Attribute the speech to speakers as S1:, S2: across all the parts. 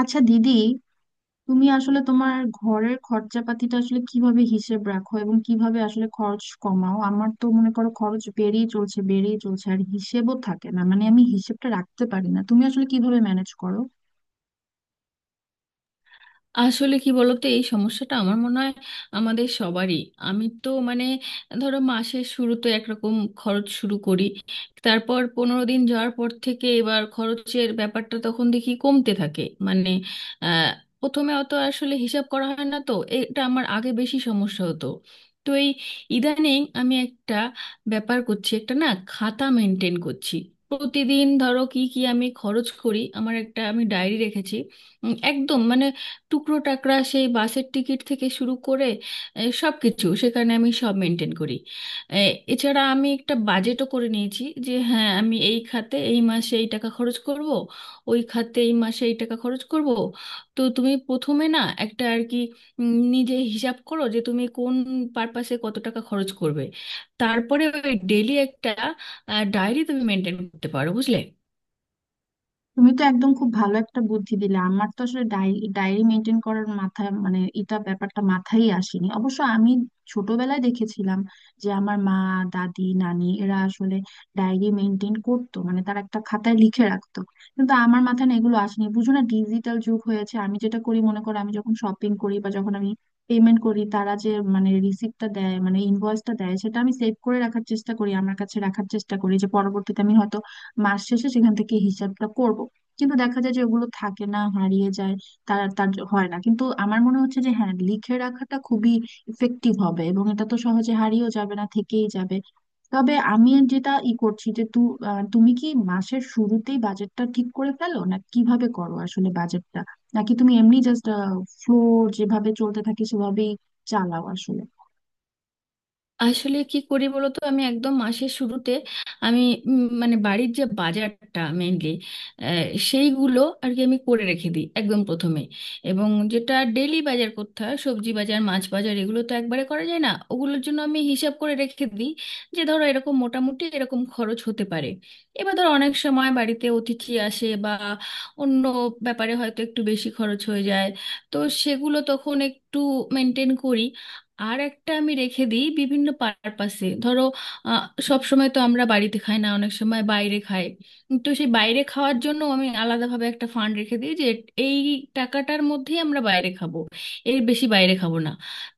S1: আচ্ছা দিদি, তুমি আসলে তোমার ঘরের খরচাপাতিটা আসলে কিভাবে হিসেব রাখো এবং কিভাবে আসলে খরচ কমাও? আমার তো মনে করো খরচ বেড়েই চলছে, বেড়েই চলছে, আর হিসেবও থাকে না। মানে আমি হিসেবটা রাখতে পারি না। তুমি আসলে কিভাবে ম্যানেজ করো?
S2: আসলে কি বলতো, এই সমস্যাটা আমার মনে হয় আমাদের সবারই। আমি তো মানে ধরো মাসের শুরুতে একরকম খরচ শুরু করি, তারপর 15 দিন যাওয়ার পর থেকে এবার খরচের ব্যাপারটা তখন দেখি কমতে থাকে। মানে আহ, প্রথমে অত আসলে হিসাব করা হয় না তো, এটা আমার আগে বেশি সমস্যা হতো। তো এই ইদানিং আমি একটা ব্যাপার করছি, একটা না খাতা মেনটেন করছি। প্রতিদিন ধরো কি কি আমি খরচ করি, আমার একটা আমি ডায়েরি রেখেছি। একদম মানে টুকরো টাকরা সেই বাসের টিকিট থেকে শুরু করে সব কিছু সেখানে আমি সব মেনটেন করি। এ, এছাড়া আমি একটা বাজেটও করে নিয়েছি যে হ্যাঁ আমি এই খাতে এই মাসে এই টাকা খরচ করব, ওই খাতে এই মাসে এই টাকা খরচ করব। তো তুমি প্রথমে না একটা আর কি নিজে হিসাব করো যে তুমি কোন পারপাসে কত টাকা খরচ করবে। তারপরে ওই ডেলি একটা ডায়েরি তুমি মেনটেন করতে পারো, বুঝলে।
S1: তুমি তো একদম খুব ভালো একটা বুদ্ধি দিলে। আমার তো আসলে ডায়েরি ডায়েরি মেনটেন করার মাথায় মানে এটা ব্যাপারটা মাথায় আসেনি। অবশ্য আমি ছোটবেলায় দেখেছিলাম যে আমার মা, দাদি, নানি এরা আসলে ডায়েরি মেনটেন করতো, মানে তারা একটা খাতায় লিখে রাখতো। কিন্তু আমার মাথায় না এগুলো আসেনি, বুঝো না ডিজিটাল যুগ হয়েছে। আমি যেটা করি, মনে করো আমি যখন শপিং করি বা যখন আমি পেমেন্ট করি, তারা যে মানে রিসিপ্টটা দেয়, মানে ইনভয়েসটা দেয়, সেটা আমি সেভ করে রাখার চেষ্টা করি, আমার কাছে রাখার চেষ্টা করি, যে পরবর্তীতে আমি হয়তো মাস শেষে সেখান থেকে হিসাবটা করব। কিন্তু দেখা যায় যে ওগুলো থাকে না, হারিয়ে যায়। তার তার হয় না। কিন্তু আমার মনে হচ্ছে যে হ্যাঁ, লিখে রাখাটা খুবই ইফেক্টিভ হবে, এবং এটা তো সহজে হারিয়েও যাবে না, থেকেই যাবে। তবে আমি যেটা ই করছি যে তুমি কি মাসের শুরুতেই বাজেটটা ঠিক করে ফেলো, না কিভাবে করো আসলে বাজেটটা? নাকি তুমি এমনি জাস্ট ফ্লো, যেভাবে চলতে থাকে সেভাবেই চালাও আসলে?
S2: আসলে কি করি বলতো, আমি একদম মাসের শুরুতে আমি মানে বাড়ির যে বাজারটা মেইনলি সেইগুলো আর কি আমি করে রেখে দিই একদম প্রথমে। এবং যেটা ডেলি বাজার করতে হয় সবজি বাজার মাছ বাজার, এগুলো তো একবারে করা যায় না, ওগুলোর জন্য আমি হিসাব করে রেখে দিই যে ধরো এরকম মোটামুটি এরকম খরচ হতে পারে। এবার ধরো অনেক সময় বাড়িতে অতিথি আসে বা অন্য ব্যাপারে হয়তো একটু বেশি খরচ হয়ে যায়, তো সেগুলো তখন একটু মেনটেন করি। আর একটা আমি রেখে দিই বিভিন্ন পারপাসে। ধরো আহ, সব সময় তো আমরা বাড়িতে খাই না, অনেক সময় বাইরে খাই। তো সেই বাইরে খাওয়ার জন্য আমি আলাদাভাবে একটা ফান্ড রেখে দিই যে এই টাকাটার মধ্যেই আমরা বাইরে খাবো, এর বেশি বাইরে খাবো না।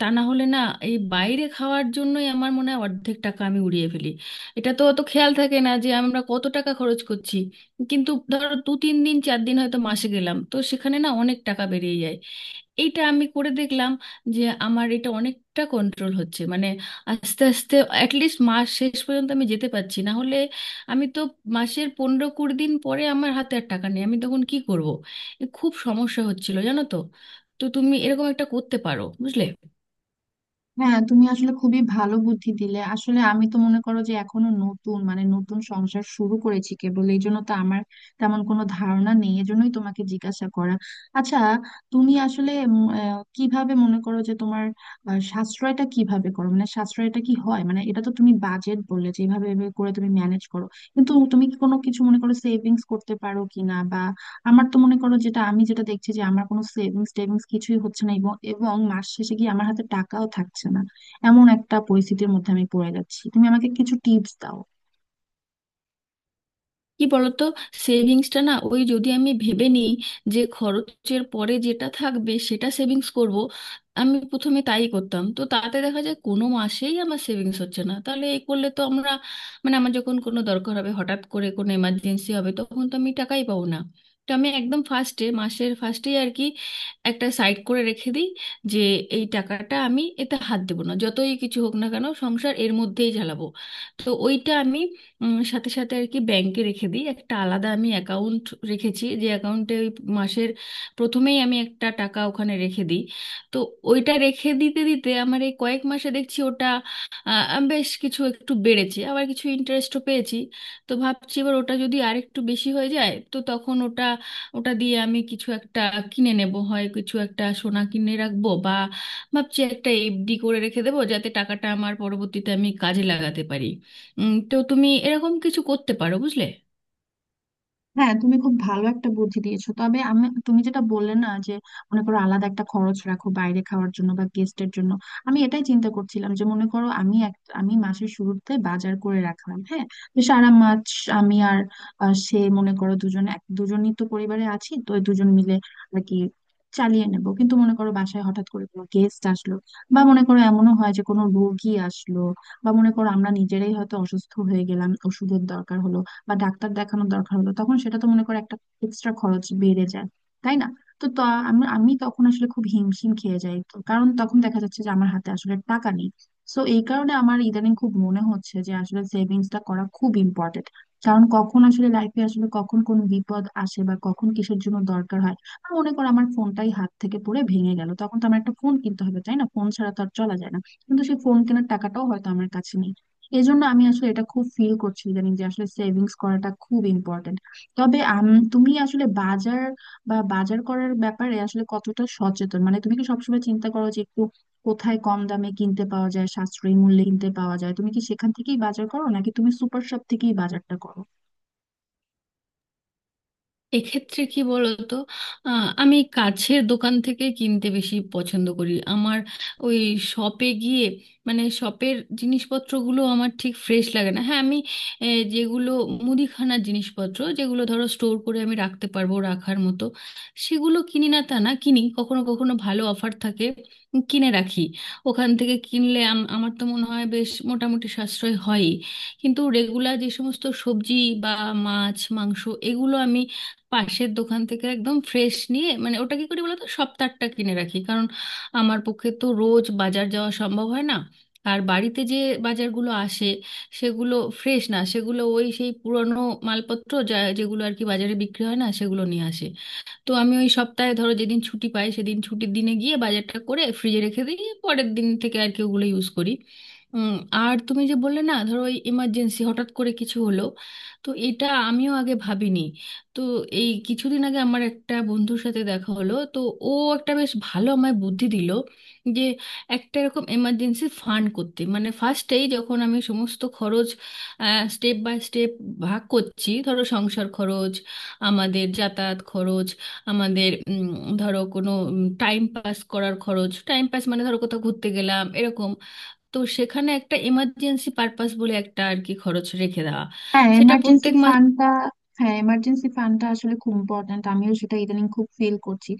S2: তা না হলে না, এই বাইরে খাওয়ার জন্যই আমার মনে হয় অর্ধেক টাকা আমি উড়িয়ে ফেলি। এটা তো অত খেয়াল থাকে না যে আমরা কত টাকা খরচ করছি, কিন্তু ধরো 2 3 দিন 4 দিন হয়তো মাসে গেলাম, তো সেখানে না অনেক টাকা বেরিয়ে যায়। এইটা আমি করে দেখলাম যে আমার এটা অনেকটা কন্ট্রোল হচ্ছে। মানে আস্তে আস্তে অ্যাটলিস্ট মাস শেষ পর্যন্ত আমি যেতে পারছি, না হলে আমি তো মাসের 15 20 দিন পরে আমার হাতে আর টাকা নেই, আমি তখন কি করব। এ খুব সমস্যা হচ্ছিল জানো তো। তো তুমি এরকম একটা করতে পারো, বুঝলে।
S1: হ্যাঁ, তুমি আসলে খুবই ভালো বুদ্ধি দিলে। আসলে আমি তো মনে করো যে এখনো নতুন, মানে নতুন সংসার শুরু করেছি কেবল, এই জন্য তো আমার তেমন কোনো ধারণা নেই, এজন্যই তোমাকে জিজ্ঞাসা করা। আচ্ছা, তুমি আসলে কিভাবে মনে করো যে তোমার সাশ্রয়টা কিভাবে করো, মানে সাশ্রয়টা কি হয়? মানে এটা তো তুমি বাজেট বললে যে এইভাবে এভাবে করে তুমি ম্যানেজ করো, কিন্তু তুমি কি কোনো কিছু মনে করো সেভিংস করতে পারো কিনা? আমার তো মনে করো যেটা আমি, যেটা দেখছি যে আমার কোনো সেভিংস টেভিংস কিছুই হচ্ছে না, এবং এবং মাস শেষে গিয়ে আমার হাতে টাকাও থাকছে না। এমন একটা পরিস্থিতির মধ্যে আমি পড়ে যাচ্ছি, তুমি আমাকে কিছু টিপস দাও।
S2: কি বলতো, সেভিংসটা না ওই যদি আমি ভেবে নিই যে খরচের পরে যেটা থাকবে সেটা সেভিংস করব, আমি প্রথমে তাই করতাম, তো তাতে দেখা যায় কোনো মাসেই আমার সেভিংস হচ্ছে না। তাহলে এই করলে তো আমরা মানে আমার যখন কোনো দরকার হবে, হঠাৎ করে কোনো এমার্জেন্সি হবে, তখন তো আমি টাকাই পাবো না। তো আমি একদম ফার্স্টে মাসের ফার্স্টেই আর কি একটা সাইড করে রেখে দিই যে এই টাকাটা আমি এতে হাত দেবো না, যতই কিছু হোক না কেন সংসার এর মধ্যেই চালাবো। তো ওইটা আমি সাথে সাথে আর কি ব্যাংকে রেখে দিই। একটা আলাদা আমি অ্যাকাউন্ট রেখেছি, যে অ্যাকাউন্টে ওই মাসের প্রথমেই আমি একটা টাকা ওখানে রেখে দিই। তো ওইটা রেখে দিতে দিতে আমার এই কয়েক মাসে দেখছি ওটা বেশ কিছু একটু বেড়েছে, আবার কিছু ইন্টারেস্টও পেয়েছি। তো ভাবছি এবার ওটা যদি আর একটু বেশি হয়ে যায় তো তখন ওটা ওটা দিয়ে আমি কিছু একটা কিনে নেব, হয় কিছু একটা সোনা কিনে রাখবো বা ভাবছি একটা এফডি করে রেখে দেবো, যাতে টাকাটা আমার পরবর্তীতে আমি কাজে লাগাতে পারি। তো তুমি এরকম কিছু করতে পারো, বুঝলে।
S1: হ্যাঁ, তুমি খুব ভালো একটা বুদ্ধি দিয়েছো। তবে আমি, তুমি যেটা বললে না যে মনে করো আলাদা একটা খরচ রাখো বাইরে খাওয়ার জন্য বা গেস্টের জন্য, আমি এটাই চিন্তা করছিলাম যে মনে করো আমি এক, আমি মাসের শুরুতে বাজার করে রাখলাম, হ্যাঁ। তো সারা মাস আমি আর সে মনে করো দুজন, এক দুজনই তো পরিবারে আছি, তো এই দুজন মিলে আর কি চালিয়ে নেবো। কিন্তু মনে করো বাসায় হঠাৎ করে কোনো গেস্ট আসলো, বা মনে করো এমনও হয় যে কোনো রোগী আসলো, বা মনে করো আমরা নিজেরাই হয়তো অসুস্থ হয়ে গেলাম, ওষুধের দরকার হলো, বা ডাক্তার দেখানোর দরকার হলো, তখন সেটা তো মনে করো একটা এক্সট্রা খরচ বেড়ে যায়, তাই না? তো আমি আমি তখন আসলে খুব হিমশিম খেয়ে যাই। তো কারণ তখন দেখা যাচ্ছে যে আমার হাতে আসলে টাকা নেই। সো এই কারণে আমার ইদানিং খুব মনে হচ্ছে যে আসলে সেভিংসটা করা খুব ইম্পর্টেন্ট, কারণ কখন আসলে লাইফে আসলে কখন কোন বিপদ আসে বা কখন কিসের জন্য দরকার হয়। আর মনে করো আমার ফোনটাই হাত থেকে পড়ে ভেঙে গেল, তখন তো আমার একটা ফোন কিনতে হবে, তাই না? ফোন ছাড়া তো আর চলা যায় না। কিন্তু সেই ফোন কেনার টাকাটাও হয়তো আমার কাছে নেই। এজন্য আমি আসলে এটা খুব ফিল করছি ইদানিং যে আসলে সেভিংস করাটা খুব ইম্পর্টেন্ট। তবে তুমি আসলে বাজার বা বাজার করার ব্যাপারে আসলে কতটা সচেতন? মানে তুমি কি সবসময় চিন্তা করো যে একটু কোথায় কম দামে কিনতে পাওয়া যায়, সাশ্রয়ী মূল্যে কিনতে পাওয়া যায়, তুমি কি সেখান থেকেই বাজার করো নাকি তুমি সুপার শপ থেকেই বাজারটা করো?
S2: এক্ষেত্রে কি বলতো, আমি কাছের দোকান থেকে কিনতে বেশি পছন্দ করি। আমার ওই শপে গিয়ে মানে শপের জিনিসপত্রগুলো আমার ঠিক ফ্রেশ লাগে না। হ্যাঁ আমি যেগুলো মুদিখানার জিনিসপত্র যেগুলো ধরো স্টোর করে আমি রাখতে পারবো, রাখার মতো সেগুলো কিনি না তা না, কিনি। কখনো কখনো ভালো অফার থাকে, কিনে রাখি। ওখান থেকে কিনলে আমার তো মনে হয় বেশ মোটামুটি সাশ্রয় হয়ই। কিন্তু রেগুলার যে সমস্ত সবজি বা মাছ মাংস, এগুলো আমি পাশের দোকান থেকে একদম ফ্রেশ নিয়ে, মানে ওটা কি করি বলতো সপ্তাহটা কিনে রাখি, কারণ আমার পক্ষে তো রোজ বাজার যাওয়া সম্ভব হয় না। আর বাড়িতে যে বাজারগুলো আসে সেগুলো ফ্রেশ না, সেগুলো ওই সেই পুরনো মালপত্র যা যেগুলো আর কি বাজারে বিক্রি হয় না সেগুলো নিয়ে আসে। তো আমি ওই সপ্তাহে ধরো যেদিন ছুটি পাই সেদিন ছুটির দিনে গিয়ে বাজারটা করে ফ্রিজে রেখে দিই, পরের দিন থেকে আর কি ওগুলো ইউজ করি। উম, আর তুমি যে বললে না ধরো ওই ইমার্জেন্সি, হঠাৎ করে কিছু হলো, তো এটা আমিও আগে ভাবিনি। তো এই কিছুদিন আগে আমার একটা বন্ধুর সাথে দেখা হলো, তো ও একটা বেশ ভালো আমায় বুদ্ধি দিল যে একটা এরকম এমার্জেন্সি ফান্ড করতে। মানে ফার্স্টেই যখন আমি সমস্ত খরচ স্টেপ বাই স্টেপ ভাগ করছি, ধরো সংসার খরচ, আমাদের যাতায়াত খরচ, আমাদের ধরো কোনো টাইম পাস করার খরচ, টাইম পাস মানে ধরো কোথাও ঘুরতে গেলাম এরকম, তো সেখানে একটা এমার্জেন্সি পারপাস বলে একটা আর কি খরচ রেখে দেওয়া,
S1: হ্যাঁ,
S2: সেটা
S1: এমার্জেন্সি
S2: প্রত্যেক।
S1: ফান্ডটা। হ্যাঁ, এমার্জেন্সি ফান্ডটা আসলে খুব ইম্পর্ট্যান্ট, আমিও সেটা ইদানিং খুব ফিল করছি।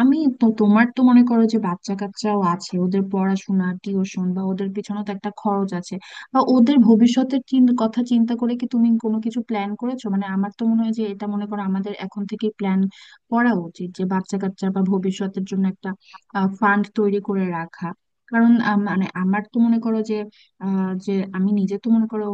S1: আমি তো, তোমার তো মনে করো যে বাচ্চা কাচ্চাও আছে, ওদের পড়াশোনা, টিউশন বা ওদের পিছনেও তো একটা খরচ আছে। বা ওদের ভবিষ্যতের কথা চিন্তা করে কি তুমি কোনো কিছু প্ল্যান করেছো? মানে আমার তো মনে হয় যে এটা মনে করো আমাদের এখন থেকে প্ল্যান করা উচিত যে বাচ্চা কাচ্চা বা ভবিষ্যতের জন্য একটা ফান্ড তৈরি করে রাখা। কারণ মানে আমার তো মনে করো যে যে আমি নিজে তো মনে করো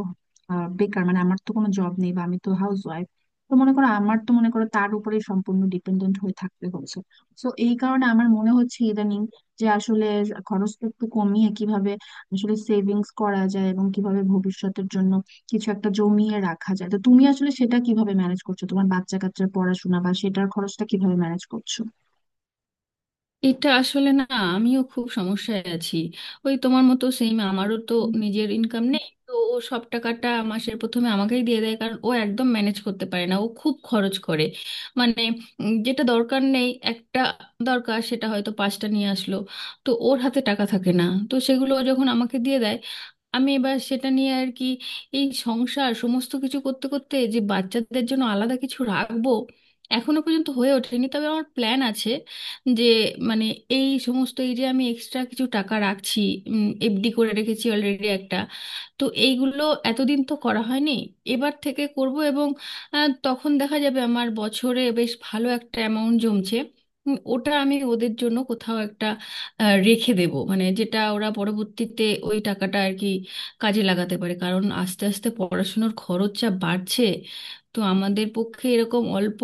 S1: বেকার, মানে আমার তো কোনো জব নেই, বা আমি তো হাউস ওয়াইফ। তো মনে করো আমার তো মনে করো তার উপরে সম্পূর্ণ ডিপেন্ডেন্ট হয়ে থাকতে হচ্ছে। তো এই কারণে আমার মনে হচ্ছে ইদানিং যে আসলে খরচটা একটু কমিয়ে কিভাবে আসলে সেভিংস করা যায় এবং কিভাবে ভবিষ্যতের জন্য কিছু একটা জমিয়ে রাখা যায়। তো তুমি আসলে সেটা কিভাবে ম্যানেজ করছো, তোমার বাচ্চা কাচ্চার পড়াশোনা বা সেটার খরচটা কিভাবে ম্যানেজ করছো?
S2: এটা আসলে না, আমিও খুব সমস্যায় আছি। ওই তোমার মতো সেম, আমারও তো নিজের ইনকাম নেই, তো ও সব টাকাটা মাসের প্রথমে আমাকেই দিয়ে দেয়, কারণ ও একদম ম্যানেজ করতে পারে না, ও খুব খরচ করে। মানে যেটা দরকার নেই, একটা দরকার সেটা হয়তো পাঁচটা নিয়ে আসলো, তো ওর হাতে টাকা থাকে না। তো সেগুলো ও যখন আমাকে দিয়ে দেয় আমি এবার সেটা নিয়ে আর কি এই সংসার সমস্ত কিছু করতে করতে যে বাচ্চাদের জন্য আলাদা কিছু রাখবো, এখনো পর্যন্ত হয়ে ওঠেনি। তবে আমার প্ল্যান আছে যে মানে এই সমস্ত এই যে আমি এক্সট্রা কিছু টাকা রাখছি, এফডি করে রেখেছি অলরেডি একটা, তো এইগুলো এতদিন তো করা হয়নি, এবার থেকে করব। এবং তখন দেখা যাবে আমার বছরে বেশ ভালো একটা অ্যামাউন্ট জমছে। ওটা আমি ওদের জন্য কোথাও একটা রেখে দেব, মানে যেটা ওরা পরবর্তীতে ওই টাকাটা আর কি কাজে লাগাতে পারে, কারণ আস্তে আস্তে পড়াশুনোর খরচ যা বাড়ছে, তো আমাদের পক্ষে এরকম অল্প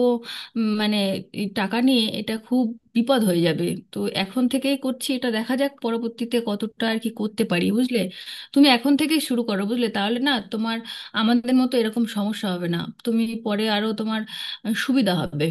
S2: মানে এই টাকা নিয়ে এটা খুব বিপদ হয়ে যাবে। তো এখন থেকেই করছি, এটা দেখা যাক পরবর্তীতে কতটা আর কি করতে পারি, বুঝলে। তুমি এখন থেকেই শুরু করো বুঝলে, তাহলে না তোমার আমাদের মতো এরকম সমস্যা হবে না। তুমি পরে আরো তোমার সুবিধা হবে,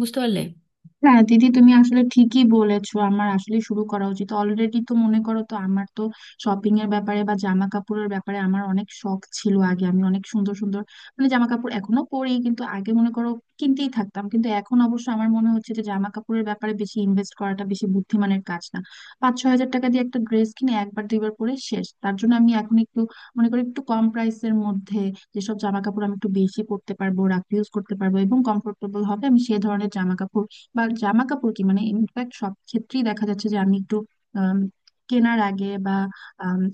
S2: বুঝতে পারলে।
S1: হ্যাঁ দিদি, তুমি আসলে ঠিকই বলেছো, আমার আসলে শুরু করা উচিত অলরেডি। তো মনে করো, তো আমার তো শপিং এর ব্যাপারে বা জামা কাপড়ের ব্যাপারে আমার অনেক শখ ছিল আগে, আমি অনেক সুন্দর সুন্দর মানে জামা কাপড় এখনো পরি, কিন্তু আগে মনে করো কিনতেই থাকতাম। কিন্তু এখন অবশ্য আমার মনে হচ্ছে যে জামা কাপড়ের ব্যাপারে বেশি ইনভেস্ট করাটা বেশি বুদ্ধিমানের কাজ না। 5-6 হাজার টাকা দিয়ে একটা ড্রেস কিনে একবার দুইবার পরে শেষ, তার জন্য আমি এখন একটু মনে করি একটু কম প্রাইসের মধ্যে যেসব জামা কাপড় আমি একটু বেশি পরতে পারবো, রাখ ইউজ করতে পারবো এবং কমফোর্টেবল হবে, আমি সেই ধরনের জামা কাপড়, বা জামা কাপড় কি মানে ইনফ্যাক্ট সব ক্ষেত্রেই দেখা যাচ্ছে যে আমি একটু আম, কেনার আগে বা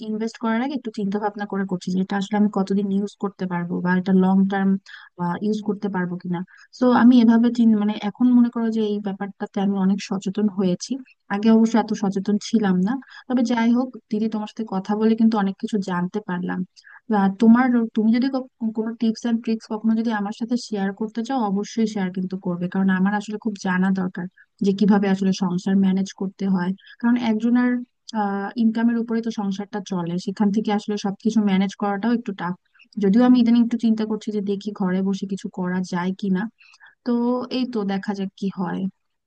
S1: ইনভেস্ট করার আগে একটু চিন্তা ভাবনা করে করছি যে এটা আসলে আমি কতদিন ইউজ করতে পারবো বা এটা লং টার্ম ইউজ করতে পারবো কিনা। তো আমি এভাবে মানে এখন মনে করো যে এই ব্যাপারটাতে আমি অনেক সচেতন হয়েছি, আগে অবশ্য এত সচেতন ছিলাম না। তবে যাই হোক দিদি, তোমার সাথে কথা বলে কিন্তু অনেক কিছু জানতে পারলাম। বা তোমার, তুমি যদি কোনো টিপস এন্ড ট্রিক্স কখনো যদি আমার সাথে শেয়ার করতে চাও, অবশ্যই শেয়ার কিন্তু করবে, কারণ আমার আসলে খুব জানা দরকার যে কিভাবে আসলে সংসার ম্যানেজ করতে হয়। কারণ একজনের ইনকামের উপরে তো সংসারটা চলে, সেখান থেকে আসলে সবকিছু ম্যানেজ করাটাও একটু টাফ। যদিও আমি ইদানিং একটু চিন্তা করছি যে দেখি ঘরে বসে কিছু করা যায় কিনা। তো এই, তো দেখা যাক কি হয়।